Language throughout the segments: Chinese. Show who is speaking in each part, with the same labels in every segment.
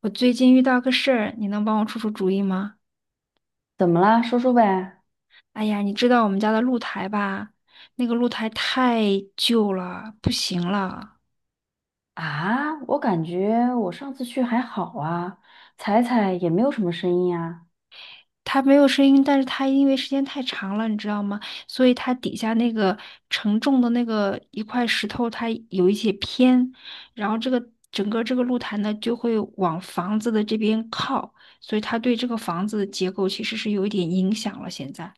Speaker 1: 我最近遇到个事儿，你能帮我出出主意吗？
Speaker 2: 怎么啦？说说呗。
Speaker 1: 哎呀，你知道我们家的露台吧？那个露台太旧了，不行了。
Speaker 2: 啊，我感觉我上次去还好啊，踩踩也没有什么声音啊。
Speaker 1: 它没有声音，但是它因为时间太长了，你知道吗？所以它底下那个承重的那个一块石头，它有一些偏，然后这个整个这个露台呢就会往房子的这边靠，所以它对这个房子的结构其实是有一点影响了。现在。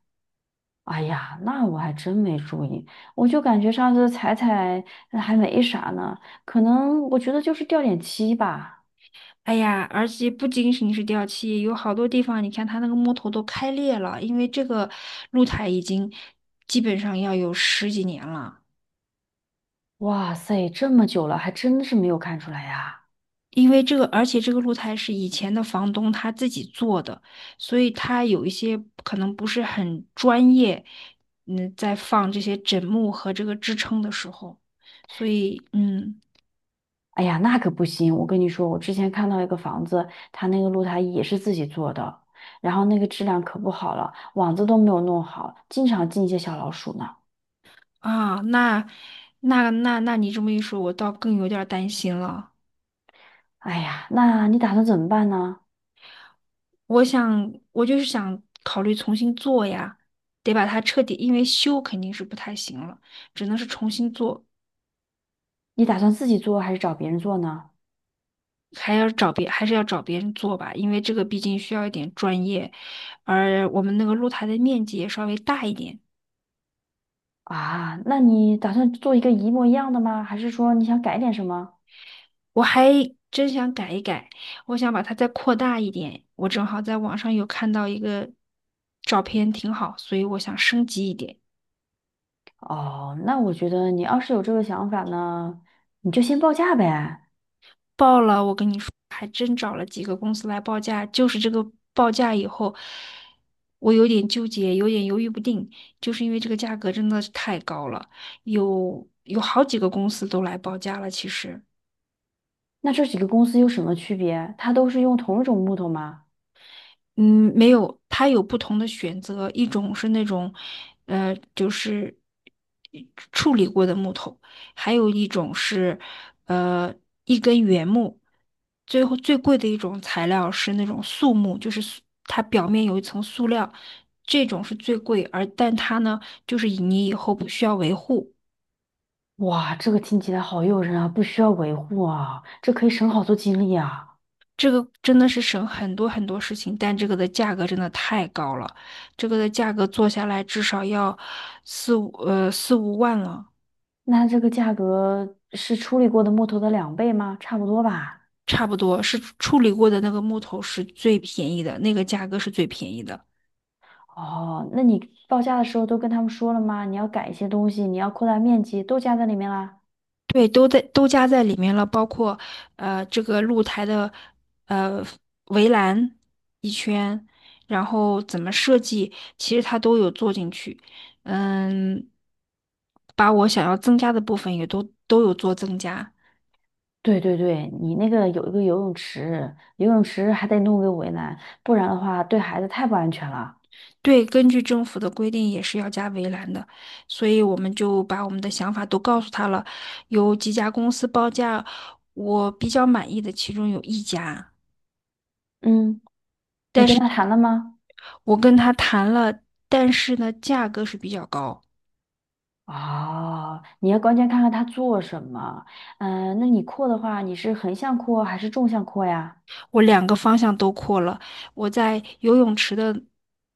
Speaker 2: 哎呀，那我还真没注意，我就感觉上次踩踩还没啥呢，可能我觉得就是掉点漆吧。
Speaker 1: 哎呀，而且不仅仅是掉漆，有好多地方，你看它那个木头都开裂了，因为这个露台已经基本上要有十几年了。
Speaker 2: 哇塞，这么久了还真是没有看出来呀。
Speaker 1: 因为这个，而且这个露台是以前的房东他自己做的，所以他有一些可能不是很专业，在放这些枕木和这个支撑的时候，所以
Speaker 2: 哎呀，那可不行，我跟你说，我之前看到一个房子，它那个露台也是自己做的，然后那个质量可不好了，网子都没有弄好，经常进一些小老鼠呢。
Speaker 1: 啊，那你这么一说，我倒更有点儿担心了。
Speaker 2: 哎呀，那你打算怎么办呢？
Speaker 1: 我想，我就是想考虑重新做呀，得把它彻底，因为修肯定是不太行了，只能是重新做，
Speaker 2: 你打算自己做还是找别人做呢？
Speaker 1: 还是要找别人做吧，因为这个毕竟需要一点专业，而我们那个露台的面积也稍微大一点，
Speaker 2: 啊，那你打算做一个一模一样的吗？还是说你想改点什么？
Speaker 1: 我还真想改一改，我想把它再扩大一点，我正好在网上有看到一个照片挺好，所以我想升级一点。
Speaker 2: 哦，那我觉得你要是有这个想法呢，你就先报价呗。
Speaker 1: 报了，我跟你说，还真找了几个公司来报价，就是这个报价以后，我有点纠结，有点犹豫不定，就是因为这个价格真的是太高了，有好几个公司都来报价了，其实。
Speaker 2: 那这几个公司有什么区别？它都是用同一种木头吗？
Speaker 1: 嗯，没有，它有不同的选择，一种是那种，就是处理过的木头，还有一种是，呃，一根原木。最后最贵的一种材料是那种塑木，就是塑它表面有一层塑料，这种是最贵，而但它呢，就是你以后不需要维护。
Speaker 2: 哇，这个听起来好诱人啊，不需要维护啊，这可以省好多精力啊。
Speaker 1: 这个真的是省很多很多事情，但这个的价格真的太高了，这个的价格做下来至少要四五万了，
Speaker 2: 那这个价格是处理过的木头的两倍吗？差不多吧。
Speaker 1: 差不多是处理过的那个木头是最便宜的，那个价格是最便宜的，
Speaker 2: 哦，那你报价的时候都跟他们说了吗？你要改一些东西，你要扩大面积，都加在里面啦。
Speaker 1: 对，都加在里面了，包括这个露台的呃围栏一圈，然后怎么设计，其实它都有做进去，嗯。把我想要增加的部分也都有做增加，
Speaker 2: 对对对，你那个有一个游泳池，游泳池还得弄个围栏，不然的话对孩子太不安全了。
Speaker 1: 对，根据政府的规定也是要加围栏的，所以我们就把我们的想法都告诉他了。有几家公司报价，我比较满意的其中有一家，
Speaker 2: 嗯，你
Speaker 1: 但
Speaker 2: 跟
Speaker 1: 是
Speaker 2: 他谈了吗？
Speaker 1: 我跟他谈了，但是呢，价格是比较高。
Speaker 2: 哦，你要关键看看他做什么。嗯、那你扩的话，你是横向扩还是纵向扩呀？
Speaker 1: 我两个方向都扩了，我在游泳池的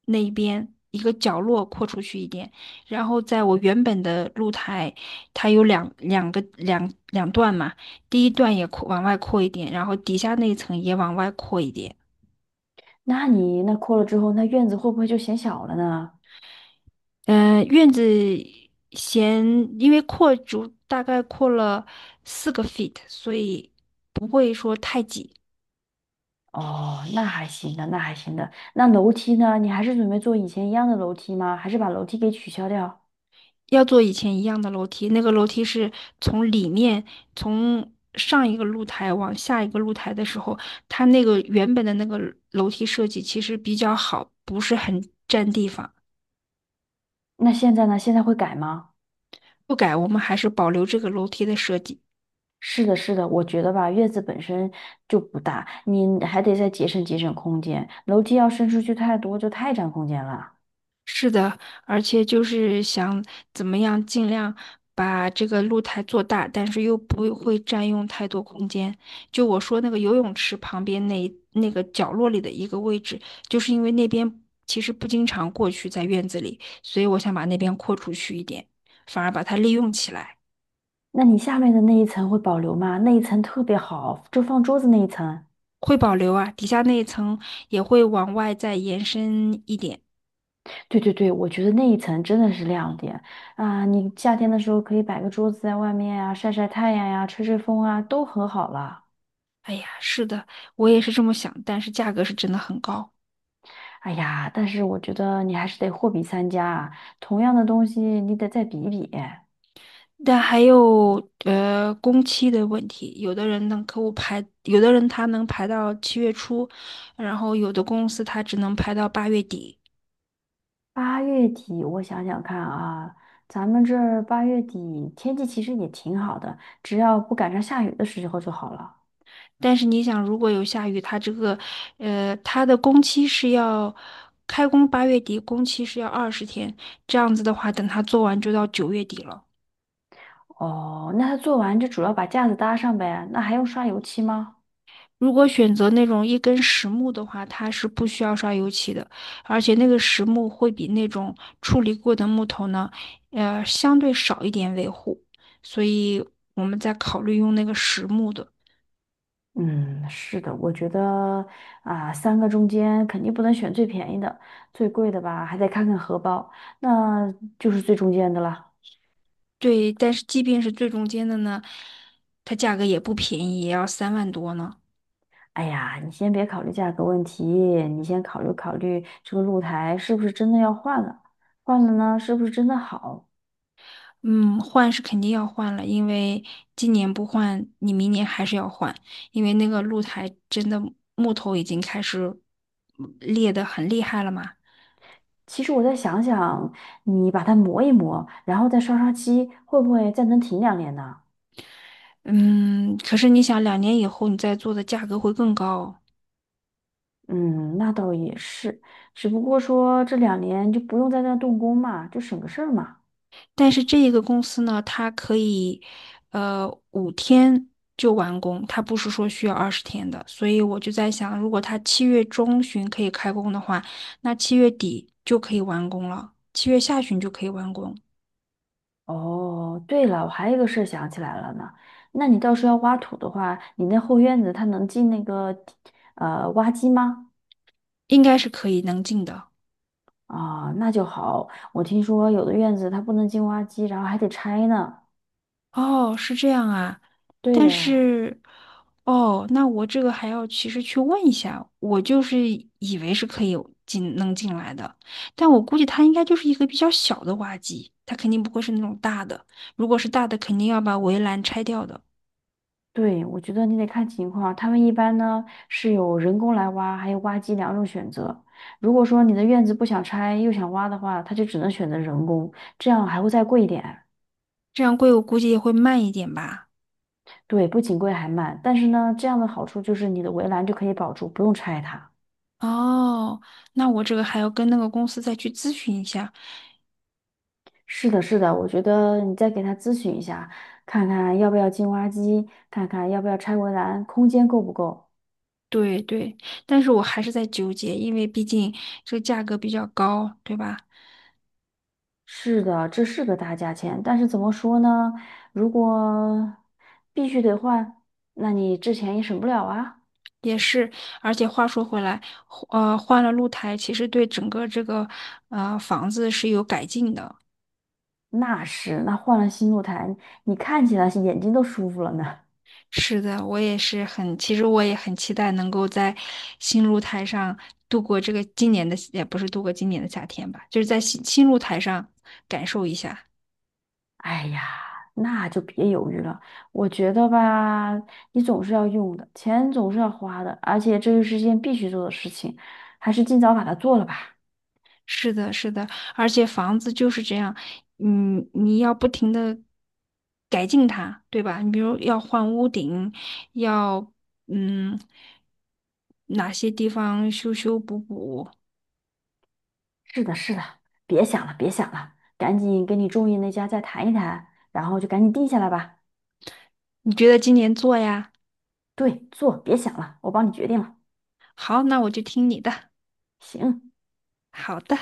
Speaker 1: 那一边一个角落扩出去一点，然后在我原本的露台，它有两个两段嘛，第一段也往外扩一点，然后底下那一层也往外扩一点。
Speaker 2: 那你那扩了之后，那院子会不会就显小了呢？
Speaker 1: 院子嫌因为大概扩了4个 feet，所以不会说太挤。
Speaker 2: 哦，那还行的，那还行的。那楼梯呢？你还是准备做以前一样的楼梯吗？还是把楼梯给取消掉？
Speaker 1: 要做以前一样的楼梯，那个楼梯是从里面从上一个露台往下一个露台的时候，它那个原本的那个楼梯设计其实比较好，不是很占地方。
Speaker 2: 那现在呢？现在会改吗？
Speaker 1: 不改，我们还是保留这个楼梯的设计。
Speaker 2: 是的，是的，我觉得吧，院子本身就不大，你还得再节省节省空间。楼梯要伸出去太多，就太占空间了。
Speaker 1: 是的，而且就是想怎么样尽量把这个露台做大，但是又不会占用太多空间。就我说那个游泳池旁边那个角落里的一个位置，就是因为那边其实不经常过去在院子里，所以我想把那边扩出去一点，反而把它利用起来，
Speaker 2: 那你下面的那一层会保留吗？那一层特别好，就放桌子那一层。
Speaker 1: 会保留啊，底下那一层也会往外再延伸一点。
Speaker 2: 对对对，我觉得那一层真的是亮点啊！你夏天的时候可以摆个桌子在外面啊，晒晒太阳呀、吹吹风啊，都很好了。
Speaker 1: 哎呀，是的，我也是这么想，但是价格是真的很高。
Speaker 2: 哎呀，但是我觉得你还是得货比三家啊，同样的东西你得再比一比。
Speaker 1: 但还有工期的问题，有的人能客户排，有的人他能排到七月初，然后有的公司他只能排到八月底。
Speaker 2: 八月底，我想想看啊，咱们这儿八月底天气其实也挺好的，只要不赶上下雨的时候就好了。
Speaker 1: 但是你想，如果有下雨，他这个他的工期是要开工八月底，工期是要二十天，这样子的话，等他做完就到九月底了。
Speaker 2: 哦，那他做完就主要把架子搭上呗，那还用刷油漆吗？
Speaker 1: 如果选择那种一根实木的话，它是不需要刷油漆的，而且那个实木会比那种处理过的木头呢，相对少一点维护，所以我们在考虑用那个实木的。
Speaker 2: 嗯，是的，我觉得啊，三个中间肯定不能选最便宜的，最贵的吧，还得看看荷包，那就是最中间的了。
Speaker 1: 对，但是即便是最中间的呢，它价格也不便宜，也要3万多呢。
Speaker 2: 哎呀，你先别考虑价格问题，你先考虑考虑这个露台是不是真的要换了，换了呢，是不是真的好？
Speaker 1: 嗯，换是肯定要换了，因为今年不换，你明年还是要换，因为那个露台真的木头已经开始裂得很厉害了嘛。
Speaker 2: 其实我再想想，你把它磨一磨，然后再刷刷漆，会不会再能挺两年呢？
Speaker 1: 嗯，可是你想，2年以后你再做的价格会更高哦。
Speaker 2: 嗯，那倒也是，只不过说这两年就不用在那动工嘛，就省个事儿嘛。
Speaker 1: 但是这一个公司呢，它可以，5天就完工，它不是说需要二十天的。所以我就在想，如果它七月中旬可以开工的话，那七月底就可以完工了，七月下旬就可以完工，
Speaker 2: 哦，对了，我还有一个事儿想起来了呢，那你到时候要挖土的话，你那后院子它能进那个挖机吗？
Speaker 1: 应该是能进的。
Speaker 2: 啊，那就好。我听说有的院子它不能进挖机，然后还得拆呢。
Speaker 1: 哦，是这样啊，
Speaker 2: 对
Speaker 1: 但
Speaker 2: 的，
Speaker 1: 是，哦，那我这个还要其实去问一下，我就是以为是可以进能进来的，但我估计它应该就是一个比较小的挖机，它肯定不会是那种大的，如果是大的，肯定要把围栏拆掉的，
Speaker 2: 对，我觉得你得看情况。他们一般呢是有人工来挖，还有挖机两种选择。如果说你的院子不想拆又想挖的话，他就只能选择人工，这样还会再贵一点。
Speaker 1: 这样贵我估计也会慢一点吧。
Speaker 2: 对，不仅贵还慢，但是呢，这样的好处就是你的围栏就可以保住，不用拆它。
Speaker 1: 哦，那我这个还要跟那个公司再去咨询一下。
Speaker 2: 是的，是的，我觉得你再给他咨询一下，看看要不要进挖机，看看要不要拆围栏，空间够不够。
Speaker 1: 对对，但是我还是在纠结，因为毕竟这个价格比较高，对吧？
Speaker 2: 是的，这是个大价钱，但是怎么说呢？如果必须得换，那你之前也省不了啊。
Speaker 1: 也是，而且话说回来，换了露台，其实对整个这个房子是有改进的。
Speaker 2: 那是，那换了新露台，你看起来是眼睛都舒服了呢。
Speaker 1: 是的，我也是很，其实我也很期待能够在新露台上度过这个今年的，也不是度过今年的夏天吧，就是在新露台上感受一下。
Speaker 2: 哎呀，那就别犹豫了。我觉得吧，你总是要用的，钱总是要花的，而且这又是一件必须做的事情，还是尽早把它做了吧。
Speaker 1: 是的，是的，而且房子就是这样，你要不停的改进它，对吧？你比如要换屋顶，要嗯哪些地方修修补补，
Speaker 2: 是的，是的，别想了，别想了，赶紧跟你中意那家再谈一谈，然后就赶紧定下来吧。
Speaker 1: 你觉得今年做呀？
Speaker 2: 对，做，别想了，我帮你决定了。
Speaker 1: 好，那我就听你的。
Speaker 2: 行，
Speaker 1: 好的。